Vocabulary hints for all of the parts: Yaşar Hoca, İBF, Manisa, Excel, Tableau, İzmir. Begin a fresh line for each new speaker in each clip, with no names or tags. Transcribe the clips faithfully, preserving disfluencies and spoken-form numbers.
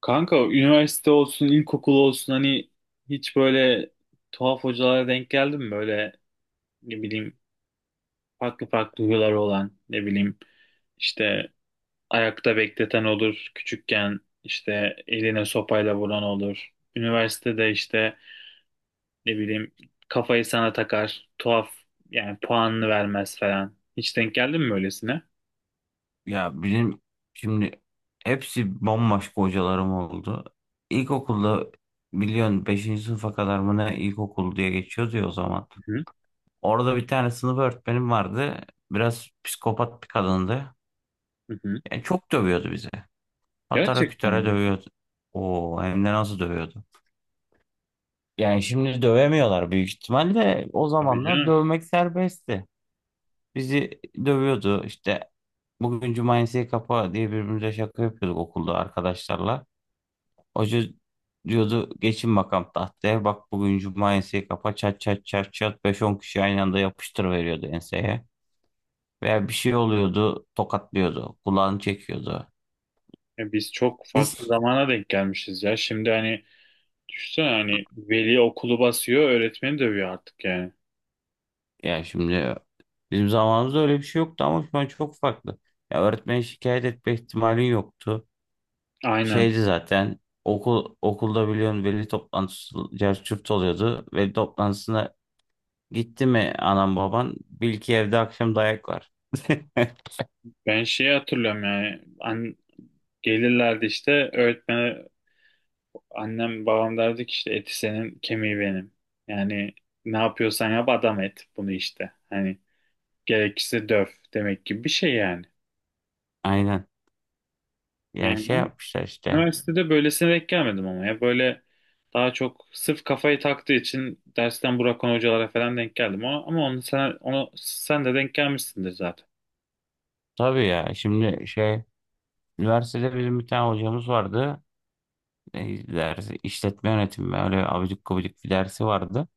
Kanka üniversite olsun, ilkokul olsun hani hiç böyle tuhaf hocalara denk geldin mi? Böyle ne bileyim farklı farklı huyları olan ne bileyim işte ayakta bekleten olur küçükken işte eline sopayla vuran olur. Üniversitede işte ne bileyim kafayı sana takar tuhaf yani puanını vermez falan. Hiç denk geldin mi öylesine?
Ya benim şimdi hepsi bambaşka hocalarım oldu. İlkokulda biliyorsun beşinci sınıfa kadar mı ne ilkokul diye geçiyordu ya o zaman.
Hı hı.
Orada bir tane sınıf öğretmenim vardı. Biraz psikopat bir kadındı.
Hı hı.
Yani çok dövüyordu bizi. Patara
Gerçekten
kütara
mi?
dövüyordu. Oo, hem de nasıl dövüyordu. Yani şimdi dövemiyorlar büyük ihtimalle. O
Tabii
zamanlar
canım.
dövmek serbestti. Bizi dövüyordu işte. Bugün cumayesiye kapa diye birbirimize şaka yapıyorduk okulda arkadaşlarla. Hoca diyordu geçin bakalım tahtaya. Bak bugün cuma enseyi kapa, çat çat çat çat beş on kişi aynı anda yapıştır veriyordu enseye. Veya bir şey oluyordu, tokatlıyordu, kulağını çekiyordu.
Ya biz çok farklı
Biz
zamana denk gelmişiz ya. Şimdi hani, düşünsene hani veli okulu basıyor, öğretmeni dövüyor artık yani.
ya şimdi bizim zamanımızda öyle bir şey yoktu ama şu an çok farklı. Ya öğretmene şikayet etme ihtimalin yoktu.
Aynen.
Şeydi zaten, okul okulda biliyorsun veli toplantısı cerçürt oluyordu. Veli toplantısına gitti mi anam baban bil ki evde akşam dayak var.
Ben şeyi hatırlıyorum yani. An gelirlerdi işte öğretmene annem babam derdi ki işte eti senin kemiği benim. Yani ne yapıyorsan yap adam et bunu işte. Hani gerekirse döv demek gibi bir şey yani.
Aynen. Ya
Yani
şey
ben
yapmışlar işte.
üniversitede böylesine denk gelmedim ama ya böyle daha çok sırf kafayı taktığı için dersten bırakan hocalara falan denk geldim ama, ama onu sen, onu sen de denk gelmişsindir zaten.
Tabii ya şimdi şey üniversitede bizim bir tane hocamız vardı. E, dersi işletme yönetimi, öyle abidik gubidik bir dersi vardı.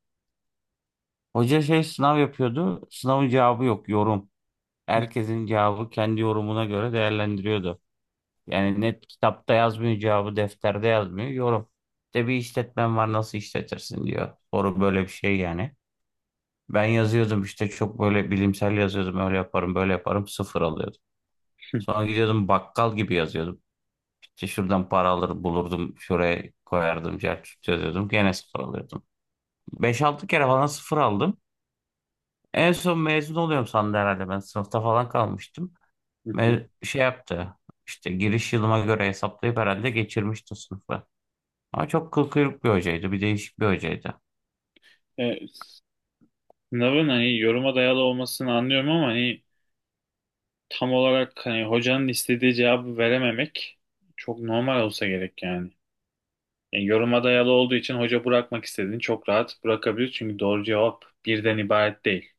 Hoca şey sınav yapıyordu. Sınavın cevabı yok, yorum. Herkesin cevabı kendi yorumuna göre değerlendiriyordu. Yani net kitapta yazmıyor cevabı, defterde yazmıyor, yorum. İşte bir işletmen var nasıl işletirsin diyor. Soru böyle bir şey yani. Ben yazıyordum işte çok böyle bilimsel yazıyordum, öyle yaparım böyle yaparım, sıfır alıyordum. Sonra gidiyordum bakkal gibi yazıyordum. İşte şuradan para alır bulurdum, şuraya koyardım, cer çözüyordum, gene sıfır alıyordum. Beş altı kere falan sıfır aldım. En son mezun oluyorum sandı herhalde ben. Sınıfta falan kalmıştım. Me- şey yaptı, işte giriş yılıma göre hesaplayıp herhalde geçirmişti sınıfı. Ama çok kıl kıyruk bir hocaydı. Bir değişik bir hocaydı.
E, Sınavın hani yoruma dayalı olmasını anlıyorum ama hani tam olarak hani hocanın istediği cevabı verememek çok normal olsa gerek yani. Yani yoruma dayalı olduğu için hoca bırakmak istediğini çok rahat bırakabilir çünkü doğru cevap birden ibaret değil.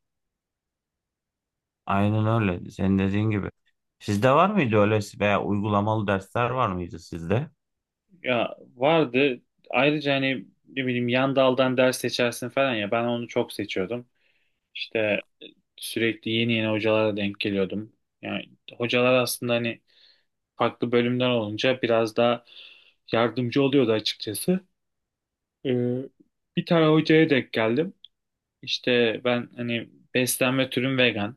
Aynen öyle, senin dediğin gibi. Sizde var mıydı öyle veya uygulamalı dersler var mıydı sizde?
Ya vardı ayrıca hani ne bileyim yan daldan ders seçersin falan ya ben onu çok seçiyordum. İşte sürekli yeni yeni hocalara denk geliyordum. Yani hocalar aslında hani farklı bölümden olunca biraz daha yardımcı oluyordu açıkçası. Ee, Bir tane hocaya denk geldim. İşte ben hani beslenme türüm vegan.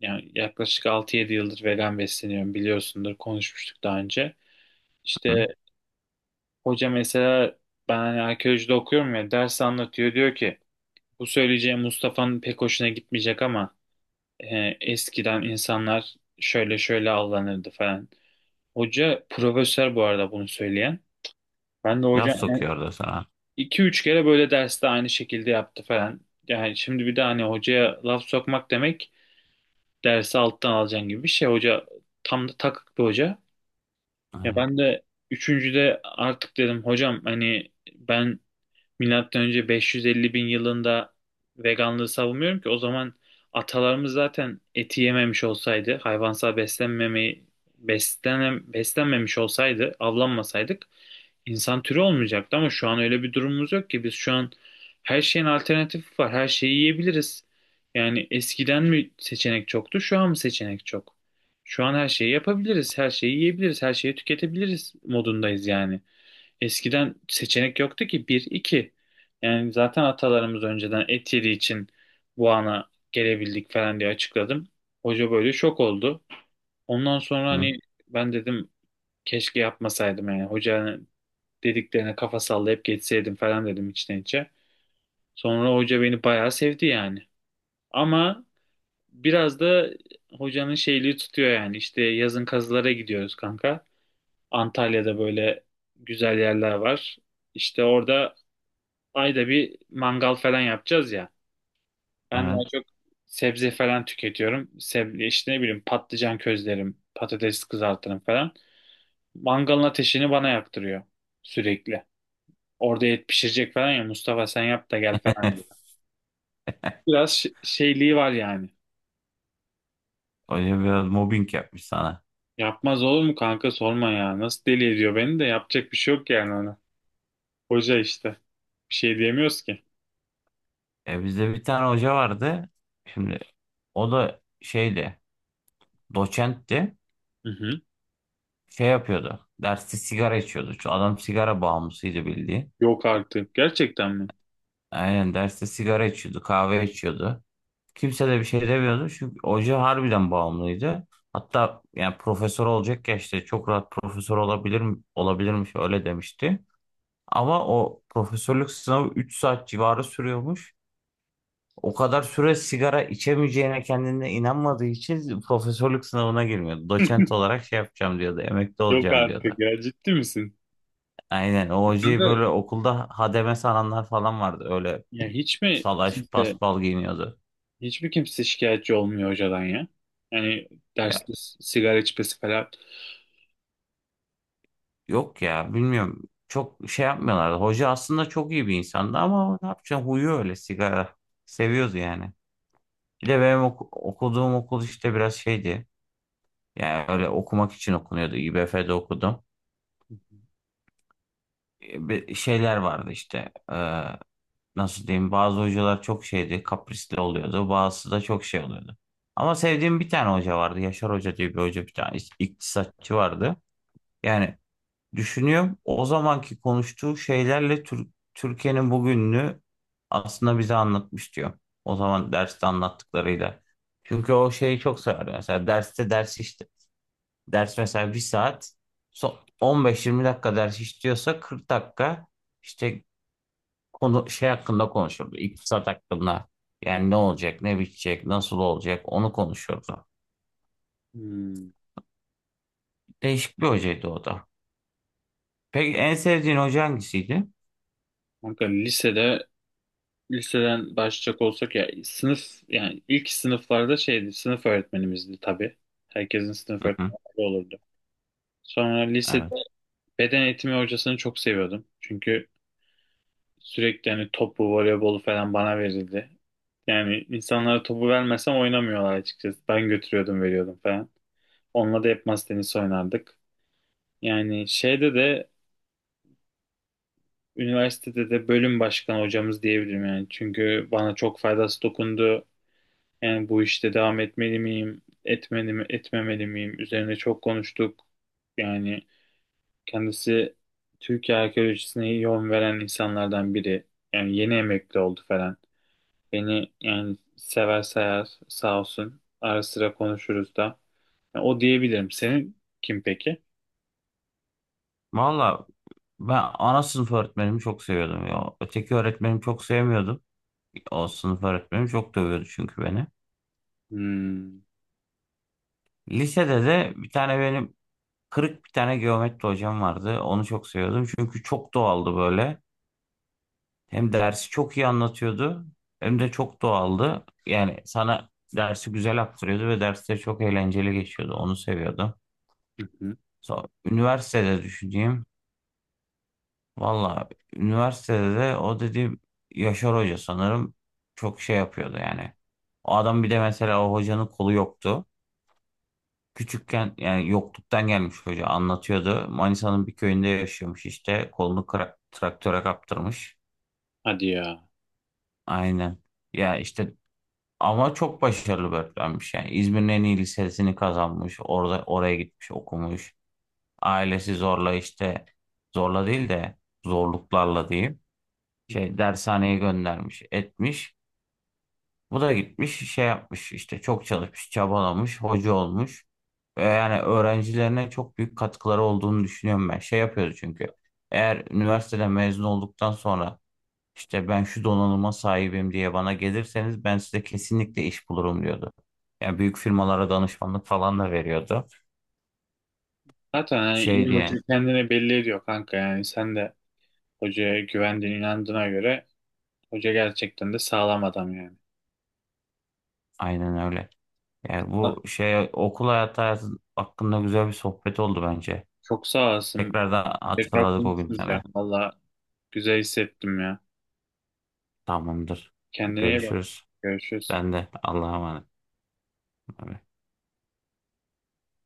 Yani yaklaşık altı yedi yıldır vegan besleniyorum biliyorsundur konuşmuştuk daha önce.
Hı?
İşte hoca mesela ben hani arkeolojide okuyorum ya ders anlatıyor diyor ki bu söyleyeceğim Mustafa'nın pek hoşuna gitmeyecek ama e, eskiden insanlar şöyle şöyle avlanırdı falan. Hoca profesör bu arada bunu söyleyen. Ben de
Laf
hocam
sokuyordu sana.
iki üç kere böyle derste aynı şekilde yaptı falan. Yani şimdi bir de hani hocaya laf sokmak demek dersi alttan alacaksın gibi bir şey. Hoca tam da takık bir hoca. Ya
Hı?
ben de üçüncüde artık dedim hocam hani ben milattan önce 550 bin yılında veganlığı savunmuyorum ki o zaman atalarımız zaten eti yememiş olsaydı hayvansal beslenmemeyi beslenem, beslenmemiş olsaydı avlanmasaydık. İnsan türü olmayacaktı ama şu an öyle bir durumumuz yok ki. Biz şu an her şeyin alternatifi var. Her şeyi yiyebiliriz. Yani eskiden mi seçenek çoktu, şu an mı seçenek çok? Şu an her şeyi yapabiliriz, her şeyi yiyebiliriz, her şeyi tüketebiliriz modundayız yani. Eskiden seçenek yoktu ki bir, iki. Yani zaten atalarımız önceden et yediği için bu ana gelebildik falan diye açıkladım. Hoca böyle şok oldu. Ondan sonra
Hı?
hani ben dedim keşke yapmasaydım yani. Hoca dediklerine kafa sallayıp geçseydim falan dedim içten içe. Sonra hoca beni bayağı sevdi yani. Ama biraz da hocanın şeyliği tutuyor yani. İşte yazın kazılara gidiyoruz kanka. Antalya'da böyle güzel yerler var. İşte orada ayda bir mangal falan yapacağız ya. Ben daha
Evet.
çok sebze falan tüketiyorum. Sebze işte ne bileyim patlıcan közlerim, patates kızartırım falan. Mangalın ateşini bana yaktırıyor sürekli. Orada et pişirecek falan ya Mustafa sen yap da gel falan. Biraz ş- şeyliği var yani.
Hoca biraz mobbing yapmış sana.
Yapmaz olur mu kanka sorma ya. Nasıl deli ediyor beni de yapacak bir şey yok yani ona. Hoca işte. Bir şey diyemiyoruz ki.
E, bizde bir tane hoca vardı. Şimdi o da şeydi, doçentti.
Hı hı.
Şey yapıyordu, derste sigara içiyordu. Şu adam sigara bağımlısıydı bildiğin.
Yok artık. Gerçekten mi?
Aynen derste sigara içiyordu, kahve içiyordu. Kimse de bir şey demiyordu çünkü hoca harbiden bağımlıydı. Hatta yani profesör olacak ya işte, çok rahat profesör olabilir olabilirmiş öyle demişti. Ama o profesörlük sınavı üç saat civarı sürüyormuş. O kadar süre sigara içemeyeceğine kendine inanmadığı için profesörlük sınavına girmiyordu. Doçent olarak şey yapacağım diyordu, emekli
Yok
olacağım
artık
diyordu.
ya ciddi misin?
Aynen, o
Kanka
hocayı böyle okulda hademe sananlar falan vardı. Öyle
ya hiç mi
salaş
kimse,
paspal giyiniyordu.
hiç mi kimse şikayetçi olmuyor hocadan ya? Yani
Ya,
derste s- sigara içmesi falan.
yok ya, bilmiyorum. Çok şey yapmıyorlardı. Hoca aslında çok iyi bir insandı ama ne yapacaksın, huyu öyle, sigara. Seviyordu yani. Bir de benim oku- okuduğum okul işte biraz şeydi. Yani öyle okumak için okunuyordu. İ B F'de okudum. E, bir şeyler vardı işte. E, nasıl diyeyim? Bazı hocalar çok şeydi, kaprisli oluyordu. Bazısı da çok şey oluyordu. Ama sevdiğim bir tane hoca vardı. Yaşar Hoca diye bir hoca, bir tane ikt- iktisatçı vardı. Yani düşünüyorum, o zamanki konuştuğu şeylerle Tür- Türkiye'nin bugününü aslında bize anlatmış diyor. O zaman derste anlattıklarıyla. Çünkü o şeyi çok severdi. Mesela derste ders işte. Ders mesela bir saat. so- on beş yirmi dakika ders işliyorsa kırk dakika işte konu şey hakkında konuşurdu. İktisat hakkında. Yani ne olacak, ne bitecek, nasıl olacak onu konuşurdu.
Hmm.
Değişik bir hocaydı o da. Peki en sevdiğin hoca hangisiydi?
Kanka lisede liseden başlayacak olsak ya sınıf yani ilk sınıflarda şeydi sınıf öğretmenimizdi tabii. Herkesin sınıf
Hı hı,
öğretmeni olurdu. Sonra lisede
evet.
beden eğitimi hocasını çok seviyordum. Çünkü sürekli hani topu, voleybolu falan bana verildi. Yani insanlara topu vermesem oynamıyorlar açıkçası. Ben götürüyordum, veriyordum falan. Onunla da hep masa tenisi oynardık. Yani şeyde de üniversitede de bölüm başkanı hocamız diyebilirim yani. Çünkü bana çok faydası dokundu. Yani bu işte devam etmeli miyim, etmeli mi, etmemeli miyim? Üzerine çok konuştuk. Yani kendisi Türkiye arkeolojisine yön veren insanlardan biri. Yani yeni emekli oldu falan. Beni yani sever sayar sağ olsun. Ara sıra konuşuruz da. Yani o diyebilirim. Senin kim peki?
Valla ben ana sınıf öğretmenimi çok seviyordum ya. Öteki öğretmenimi çok sevmiyordum. O sınıf öğretmenim çok dövüyordu çünkü beni.
Hmm.
Lisede de bir tane benim kırık bir tane geometri hocam vardı. Onu çok seviyordum çünkü çok doğaldı böyle. Hem dersi çok iyi anlatıyordu hem de çok doğaldı. Yani sana dersi güzel aktarıyordu ve derste çok eğlenceli geçiyordu. Onu seviyordum.
Hı hı.
So üniversitede düşüneyim. Valla üniversitede de o dediğim Yaşar Hoca sanırım çok şey yapıyordu yani. O adam, bir de mesela o hocanın kolu yoktu. Küçükken yani yokluktan gelmiş, hoca anlatıyordu. Manisa'nın bir köyünde yaşıyormuş, işte kolunu kra- traktöre kaptırmış.
Hadi ya.
Aynen. Ya işte, ama çok başarılı bir öğretmenmiş yani. İzmir'in en iyi lisesini kazanmış. Orada oraya gitmiş, okumuş. Ailesi zorla işte, zorla değil de zorluklarla diyeyim, şey dershaneye göndermiş, etmiş. Bu da gitmiş şey yapmış işte, çok çalışmış, çabalamış, hoca olmuş. Ve yani öğrencilerine çok büyük katkıları olduğunu düşünüyorum ben. Şey yapıyoruz çünkü. Eğer üniversiteden mezun olduktan sonra işte ben şu donanıma sahibim diye bana gelirseniz ben size kesinlikle iş bulurum diyordu. Yani büyük firmalara danışmanlık falan da veriyordu.
Zaten yani
Şey
iyi hoca
diyen,
kendini belli ediyor kanka. Yani sen de hocaya güvendiğin inandığına göre hoca gerçekten de sağlam adam yani.
aynen öyle. Yani bu şey okul hayatı, hayatı hakkında güzel bir sohbet oldu bence.
Çok sağ olasın.
Tekrardan
Tekrar
hatırladık o
konuşuruz ya.
günleri.
Valla güzel hissettim ya.
Tamamdır.
Kendine iyi bak.
Görüşürüz.
Görüşürüz.
Ben de Allah'a emanet. Bay bay.